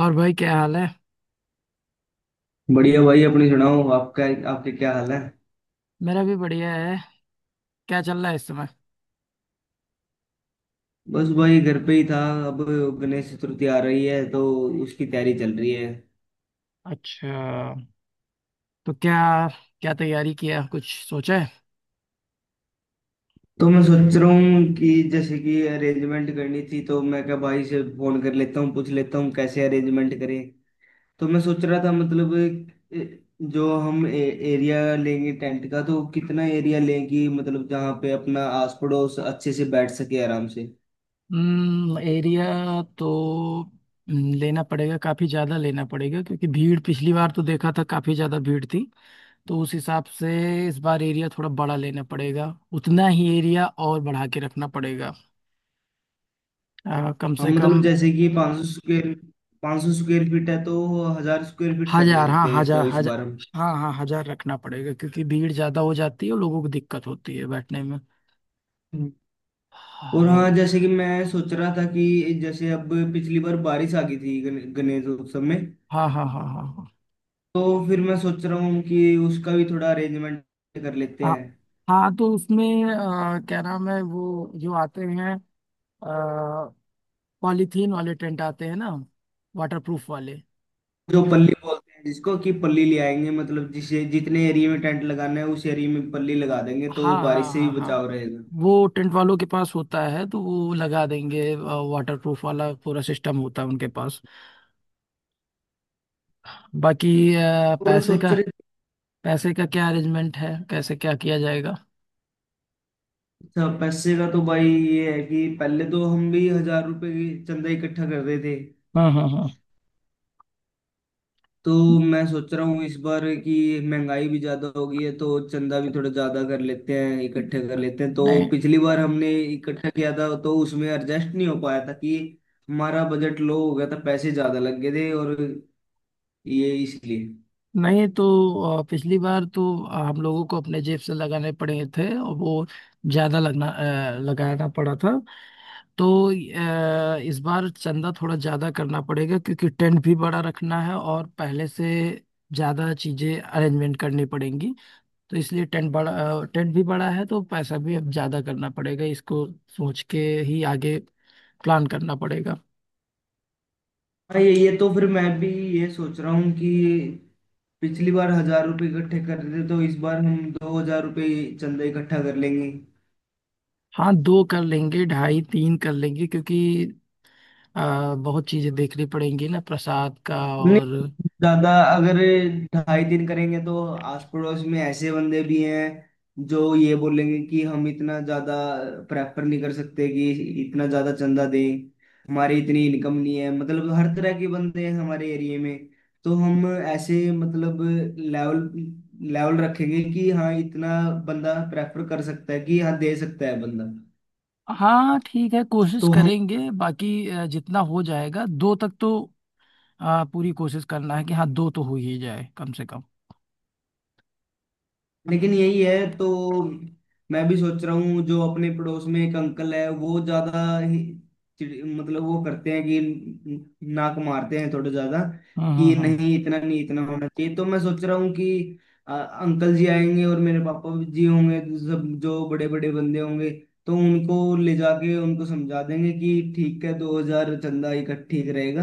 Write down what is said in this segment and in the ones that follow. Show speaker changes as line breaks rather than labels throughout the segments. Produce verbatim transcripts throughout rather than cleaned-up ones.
और भाई, क्या हाल है।
बढ़िया भाई, अपनी सुनाओ। आपका आपके क्या हाल है।
मेरा भी बढ़िया है। क्या चल रहा है इस समय?
बस भाई घर पे ही था। अब गणेश चतुर्थी आ रही है तो उसकी तैयारी चल रही है।
अच्छा। तो क्या क्या तैयारी किया, कुछ सोचा है?
तो मैं सोच रहा हूँ कि जैसे कि अरेंजमेंट करनी थी तो मैं क्या भाई से फोन कर लेता हूँ, पूछ लेता हूँ कैसे अरेंजमेंट करें। तो मैं सोच रहा था, मतलब, ए- जो हम ए, एरिया लेंगे टेंट का तो कितना एरिया लेंगे, मतलब जहाँ पे अपना आस पड़ोस अच्छे से बैठ सके आराम से।
हम्म एरिया तो हम्म, लेना पड़ेगा, काफी ज्यादा लेना पड़ेगा क्योंकि भीड़ पिछली बार तो देखा था, काफी ज्यादा भीड़ थी। तो उस हिसाब से इस बार एरिया थोड़ा बड़ा लेना पड़ेगा। उतना ही एरिया और बढ़ा के रखना पड़ेगा, अ, कम से
हम
कम।
मतलब जैसे कि पांच सौ स्क्वायर पांच सौ स्क्वायर फीट है तो हजार स्क्वायर फीट कर
हजार, हाँ,
लेते हैं
हजार
तो इस
हजार।
बार हम।
हाँ हाँ, हजार रखना पड़ेगा क्योंकि भीड़ ज्यादा हो जाती है और लोगों को दिक्कत होती है बैठने में।
हम्म। और
हाँ
हाँ, जैसे कि मैं सोच रहा था कि जैसे अब पिछली बार बारिश आ गई थी गण- गणेश उत्सव में।
हाँ हाँ हाँ। हाँ हाँ
तो फिर मैं सोच रहा हूँ कि उसका भी थोड़ा अरेंजमेंट कर लेते
हाँ
हैं।
हाँ, तो उसमें अ, क्या नाम है वो जो आते हैं, पॉलीथीन वाले टेंट आते हैं ना, वाटरप्रूफ वाले।
जो पल्ली बोलते हैं जिसको कि पल्ली ले आएंगे, मतलब जिसे जितने एरिया में टेंट लगाना है उस एरिया में पल्ली लगा देंगे तो
हाँ हाँ
बारिश से भी
हाँ
बचाव
हाँ।
रहेगा।
वो टेंट वालों के पास होता है तो वो लगा देंगे, वाटरप्रूफ वाला पूरा सिस्टम होता है उनके पास। बाकी अ,
और
पैसे का
सोच रहे
पैसे का क्या अरेंजमेंट है, कैसे क्या किया जाएगा?
अच्छा, पैसे का तो भाई ये है कि पहले तो हम भी हजार रुपए की चंदा इकट्ठा कर रहे थे।
हाँ हाँ हाँ।
तो मैं सोच रहा हूँ इस बार कि महंगाई भी ज्यादा हो गई है तो चंदा भी थोड़ा ज्यादा कर लेते हैं, इकट्ठे कर लेते हैं। तो
नहीं।
पिछली बार हमने इकट्ठा किया था तो उसमें एडजस्ट नहीं हो पाया था कि हमारा बजट लो हो गया था, पैसे ज्यादा लग गए थे, और ये इसलिए।
नहीं तो अ, पिछली बार तो अ, हम लोगों को अपने जेब से लगाने पड़े थे, और वो ज्यादा लगना अ, लगाना पड़ा था। तो अ, इस बार चंदा थोड़ा ज्यादा करना पड़ेगा क्योंकि टेंट भी बड़ा रखना है और पहले से ज्यादा चीजें अरेंजमेंट करनी पड़ेंगी। तो इसलिए टेंट बड़ा अ, टेंट भी बड़ा है तो पैसा भी अब ज्यादा करना पड़ेगा। इसको सोच के ही आगे प्लान करना पड़ेगा।
हाँ, ये ये तो फिर मैं भी ये सोच रहा हूँ कि पिछली बार हजार रुपये इकट्ठे कर रहे थे तो इस बार हम दो हजार रुपये चंदा इकट्ठा कर लेंगे।
हाँ, दो कर लेंगे, ढाई तीन कर लेंगे क्योंकि आ, बहुत चीजें देखनी पड़ेंगी ना, प्रसाद का
नहीं,
और।
ज्यादा अगर ढाई दिन करेंगे तो आस पड़ोस में ऐसे बंदे भी हैं जो ये बोलेंगे कि हम इतना ज्यादा प्रेफर नहीं कर सकते कि इतना ज्यादा चंदा दें, हमारी इतनी इनकम नहीं है, मतलब हर तरह के बंदे हैं हमारे एरिया में। तो हम ऐसे, मतलब, लेवल लेवल रखेंगे कि हाँ इतना बंदा प्रेफर कर सकता है कि हाँ दे सकता है बंदा।
हाँ ठीक है, कोशिश
तो हम
करेंगे। बाकी अ, जितना हो जाएगा दो तक तो। आ, पूरी कोशिश करना है कि हाँ, दो तो हो ही जाए कम से कम।
लेकिन यही है तो मैं भी सोच रहा हूँ जो अपने पड़ोस में एक अंकल है वो ज्यादा ही चिड़- मतलब वो करते हैं कि नाक मारते हैं थोड़े ज्यादा
हाँ हाँ
कि
हाँ
नहीं, इतना नहीं, इतना होना चाहिए। तो मैं सोच रहा हूँ कि अ, अंकल जी आएंगे और मेरे पापा जी होंगे, सब जो बड़े बड़े बंदे होंगे तो उनको ले जाके उनको समझा देंगे कि ठीक है, दो हजार चंदा इकट्ठा ठीक रहेगा,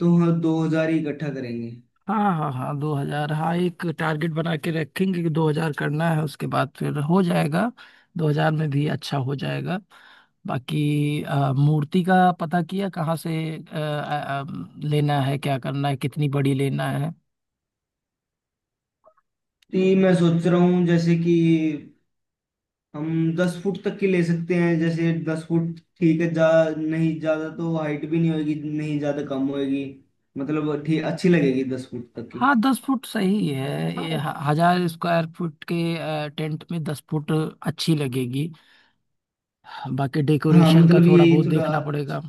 तो हम दो हजार ही इकट्ठा करेंगे।
हाँ। हाँ हाँ, दो हजार, हाँ, एक टारगेट बना के रखेंगे कि दो हजार करना है, उसके बाद फिर हो जाएगा। दो हजार में भी अच्छा हो जाएगा। बाकी अ, मूर्ति का पता किया कहाँ से अ, अ, अ, लेना है, क्या करना है, कितनी बड़ी लेना है?
तो ये मैं सोच रहा हूँ जैसे कि हम दस फुट तक की ले सकते हैं, जैसे दस फुट ठीक है, जा नहीं ज्यादा तो हाइट भी नहीं होगी, नहीं ज्यादा कम होगी, मतलब ठीक अच्छी लगेगी दस फुट तक की।
हाँ, दस फुट सही है। ये ह- हजार स्क्वायर फुट के अ, टेंट में दस फुट अच्छी लगेगी। बाकी
हाँ
डेकोरेशन का
मतलब
थोड़ा
यही
बहुत
थोड़ा,
देखना पड़ेगा।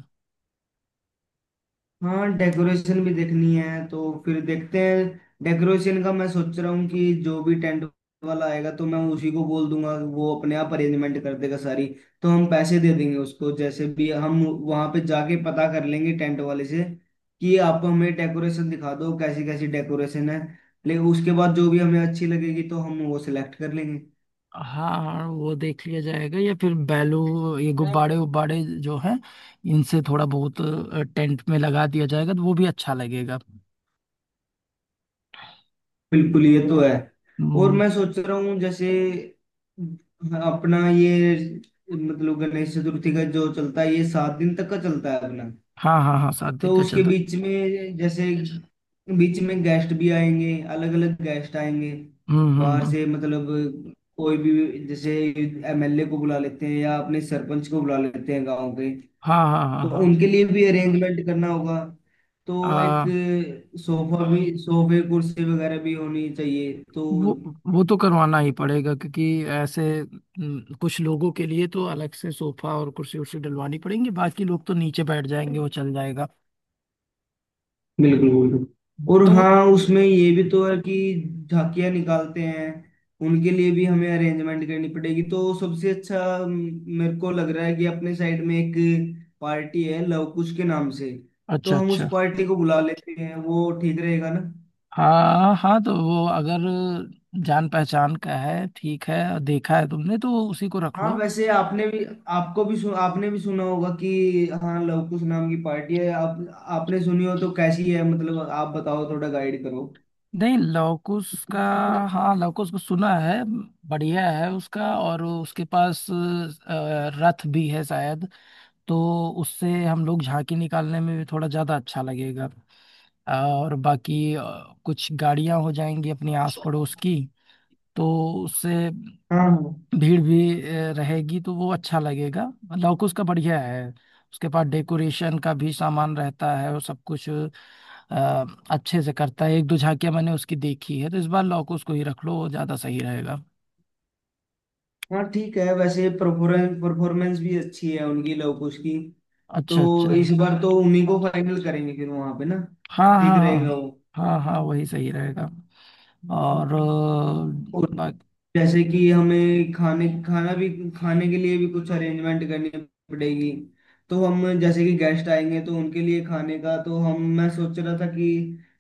हाँ डेकोरेशन भी देखनी है तो फिर देखते हैं। डेकोरेशन का मैं सोच रहा हूँ कि जो भी टेंट वाला आएगा तो मैं उसी को बोल दूंगा, वो अपने आप अरेंजमेंट कर देगा सारी। तो हम पैसे दे देंगे उसको, जैसे भी हम वहां पे जाके पता कर लेंगे टेंट वाले से कि आप हमें डेकोरेशन दिखा दो कैसी कैसी डेकोरेशन है, लेकिन उसके बाद जो भी हमें अच्छी लगेगी तो हम वो सिलेक्ट कर लेंगे।
हाँ हाँ, वो देख लिया जाएगा। या फिर बैलू, ये गुब्बारे उब्बारे जो हैं, इनसे थोड़ा बहुत अ, टेंट में लगा दिया जाएगा तो वो भी अच्छा लगेगा।
बिल्कुल, ये तो है। और
हम्म।
मैं सोच रहा हूँ जैसे अपना ये मतलब गणेश चतुर्थी का जो चलता है ये सात दिन तक का चलता है अपना।
हाँ हाँ हाँ, सात दिन
तो
का
उसके
चल रहा।
बीच में जैसे बीच में गेस्ट भी आएंगे, अलग अलग गेस्ट आएंगे
हम्म हम्म
बाहर
हम्म।
से, मतलब कोई भी, जैसे एमएलए को बुला लेते हैं या अपने सरपंच को बुला लेते हैं गांव के।
हाँ हाँ
तो
हाँ
उनके लिए भी अरेंजमेंट करना होगा, तो एक
हाँ।
सोफा भी, सोफे कुर्सी वगैरह भी होनी चाहिए तो।
वो वो तो करवाना ही पड़ेगा क्योंकि ऐसे हम्म, कुछ लोगों के लिए तो अलग से सोफा और कुर्सी उर्सी डलवानी पड़ेंगी, बाकी लोग तो नीचे बैठ जाएंगे, वो चल जाएगा।
बिल्कुल बिल्कुल। और
तो
हाँ, उसमें ये भी तो है कि झांकियाँ निकालते हैं, उनके लिए भी हमें अरेंजमेंट करनी पड़ेगी तो सबसे अच्छा अम, मेरे को लग रहा है कि अपने साइड में एक पार्टी है लव कुश के नाम से। तो
अच्छा
हम उस
अच्छा।
पार्टी को बुला लेते हैं, वो ठीक रहेगा।
हाँ हाँ, तो वो अगर जान पहचान का है, ठीक है। देखा है तुमने तो उसी को रख
हाँ
लो।
वैसे आपने भी आपको भी सुन, आपने भी सुना होगा कि हाँ लव कुश नाम की पार्टी है। आप आपने सुनी हो तो कैसी है, मतलब आप बताओ थोड़ा गाइड करो।
नहीं, लॉकुस का। हाँ, लॉकुस को सुना है। बढ़िया है उसका, और उसके पास अ, रथ भी है शायद। तो उससे हम लोग झांकी निकालने में भी थोड़ा ज्यादा अच्छा लगेगा। और बाकी अ, कुछ गाड़ियां हो जाएंगी अपने आस पड़ोस की। तो उससे
हाँ हाँ
भीड़ भी अ, रहेगी तो वो अच्छा लगेगा। लौकुश का बढ़िया है। उसके पास डेकोरेशन का भी सामान रहता है और सब कुछ अ, अच्छे से करता है। एक दो झांकियां मैंने उसकी देखी है, तो इस बार लौकुश को ही रख लो, वो ज्यादा सही रहेगा।
हाँ, ठीक है, वैसे परफॉर्मेंस परफॉर्मेंस भी अच्छी है उनकी लव कुश की।
अच्छा अच्छा।
तो इस बार तो उन्हीं को फाइनल करेंगे फिर वहां पे ना,
हाँ
ठीक
हाँ हाँ।
रहेगा वो।
हाँ हाँ, वही सही रहेगा। और
और
अ, बाकी,
जैसे कि हमें खाने खाना भी खाने के लिए भी कुछ अरेंजमेंट करनी पड़ेगी। तो हम, जैसे कि गेस्ट आएंगे तो उनके लिए खाने का तो हम मैं सोच रहा था कि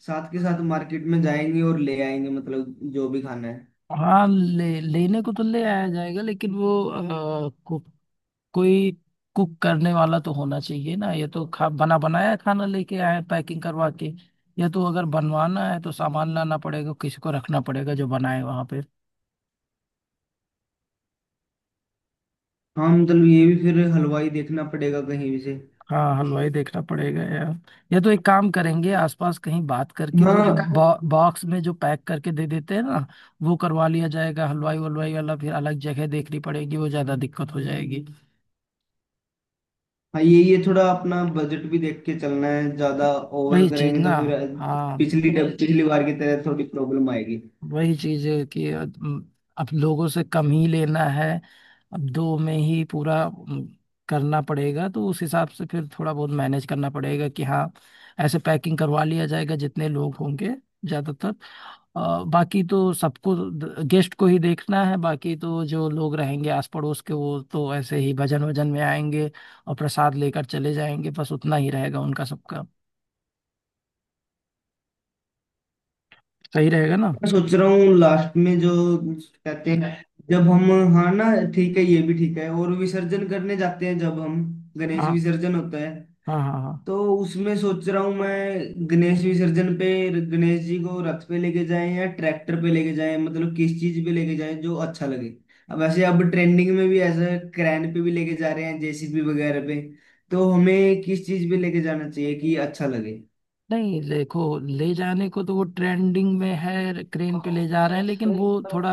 साथ के साथ मार्केट में जाएंगे और ले आएंगे, मतलब जो भी खाना है।
हाँ, ले लेने को तो ले आया जाएगा, लेकिन वो कोई कुक करने वाला तो होना चाहिए ना। ये तो खा बना बनाया खाना लेके आए हैं पैकिंग करवा के। या तो अगर बनवाना है तो सामान लाना पड़ेगा, किसी को रखना पड़ेगा जो बनाए वहां पे।
हाँ मतलब ये भी फिर हलवाई देखना पड़ेगा कहीं भी से।
हाँ, हलवाई देखना पड़ेगा यार। या तो एक काम करेंगे, आसपास कहीं बात करके वो जो
हाँ
बॉ, बॉक्स में जो पैक करके दे देते हैं ना, वो करवा लिया जाएगा। हलवाई वलवाई वाला फिर अलग जगह देखनी पड़ेगी, वो ज्यादा दिक्कत हो जाएगी।
हाँ, ये ये थोड़ा अपना बजट भी देख के चलना है, ज्यादा ओवर
वही चीज
करेंगे
ना।
तो फिर
हाँ,
पिछली पिछली बार की तरह थोड़ी प्रॉब्लम आएगी।
वही चीज है कि अब अब लोगों से कम ही लेना है। अब दो में ही पूरा अम, करना पड़ेगा, तो उस हिसाब से फिर थोड़ा बहुत मैनेज करना पड़ेगा कि हाँ, ऐसे पैकिंग करवा लिया जाएगा जितने लोग होंगे ज्यादातर। अ, बाकी तो सबको, गेस्ट को ही देखना है। बाकी तो जो लोग रहेंगे आस पड़ोस के, वो तो ऐसे ही भजन वजन में आएंगे और प्रसाद लेकर चले जाएंगे। बस उतना ही रहेगा उनका सबका। सही रहेगा ना।
मैं सोच रहा हूँ लास्ट में जो कहते हैं जब हम हाँ ना, ठीक है, ये भी ठीक है, और विसर्जन करने जाते हैं जब हम, गणेश
हाँ
विसर्जन होता है।
हाँ हाँ हाँ।
तो उसमें सोच रहा हूँ मैं गणेश विसर्जन पे गणेश जी को रथ पे लेके जाएं या ट्रैक्टर पे लेके जाएं, मतलब किस चीज पे लेके जाएं जो अच्छा लगे। अब वैसे अब ट्रेंडिंग में भी ऐसा क्रैन पे भी लेके जा रहे हैं, जेसीबी वगैरह पे। तो हमें किस चीज पे लेके जाना चाहिए कि अच्छा लगे।
नहीं, देखो, ले जाने को तो वो ट्रेंडिंग में है, क्रेन पे ले जा रहे हैं, लेकिन वो थोड़ा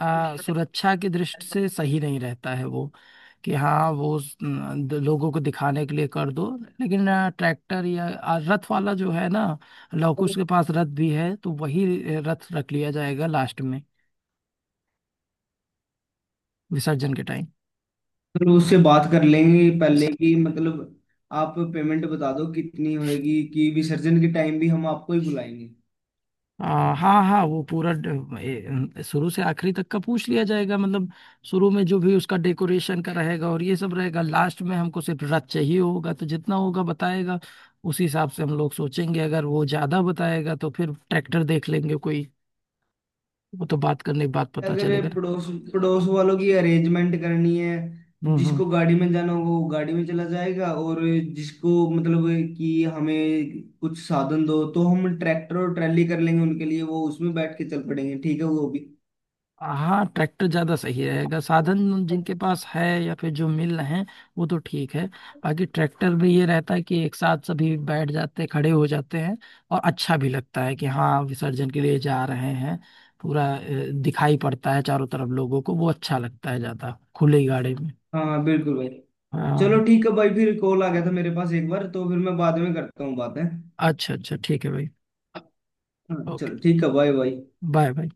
आ, सुरक्षा की दृष्टि से सही नहीं रहता है वो। कि हाँ, वो स- न, द- लोगों को दिखाने के लिए कर दो। लेकिन आ, ट्रैक्टर या आ, रथ वाला जो है ना, लवकुश के पास रथ भी है, तो वही रथ रख लिया जाएगा लास्ट में, विसर्जन के टाइम।
फिर उससे बात कर लेंगे पहले की, मतलब, आप पेमेंट बता दो कितनी होएगी कि विसर्जन के टाइम भी हम आपको ही बुलाएंगे।
आ, हाँ हाँ, वो पूरा ड- ए, शुरू से आखिरी तक का पूछ लिया जाएगा, मतलब शुरू में जो भी उसका डेकोरेशन का रहेगा और ये सब रहेगा, लास्ट में हमको सिर्फ रथ चाहिए होगा तो जितना होगा बताएगा। उसी हिसाब से हम लोग सोचेंगे, अगर वो ज्यादा बताएगा तो फिर ट्रैक्टर देख लेंगे कोई। वो तो बात करने के बाद पता
अगर
चलेगा ना।
पड़ोस पड़ोस वालों की अरेंजमेंट करनी है,
हम्म हम्म।
जिसको गाड़ी में जाना होगा वो गाड़ी में चला जाएगा और जिसको, मतलब, कि हमें कुछ साधन दो तो हम ट्रैक्टर और ट्रैली कर लेंगे उनके लिए, वो उसमें बैठ के चल पड़ेंगे, ठीक है वो भी।
हाँ, ट्रैक्टर ज़्यादा सही रहेगा, साधन जिनके पास है या फिर जो मिल रहे हैं, वो तो ठीक है। बाकी ट्रैक्टर में ये रहता है कि एक साथ सभी बैठ जाते हैं, खड़े हो जाते हैं, और अच्छा भी लगता है कि हाँ विसर्जन के लिए जा रहे हैं। पूरा अ, दिखाई पड़ता है चारों तरफ लोगों को, वो अच्छा लगता है ज़्यादा खुली गाड़ी में।
हाँ हाँ बिल्कुल भाई। चलो
हाँ।
ठीक है भाई, फिर कॉल आ गया था मेरे पास एक बार तो फिर मैं बाद में करता हूँ बात है।
अच्छा अच्छा, ठीक है भाई।
हाँ चलो
ओके।
ठीक है, बाय बाय।
Bye bye.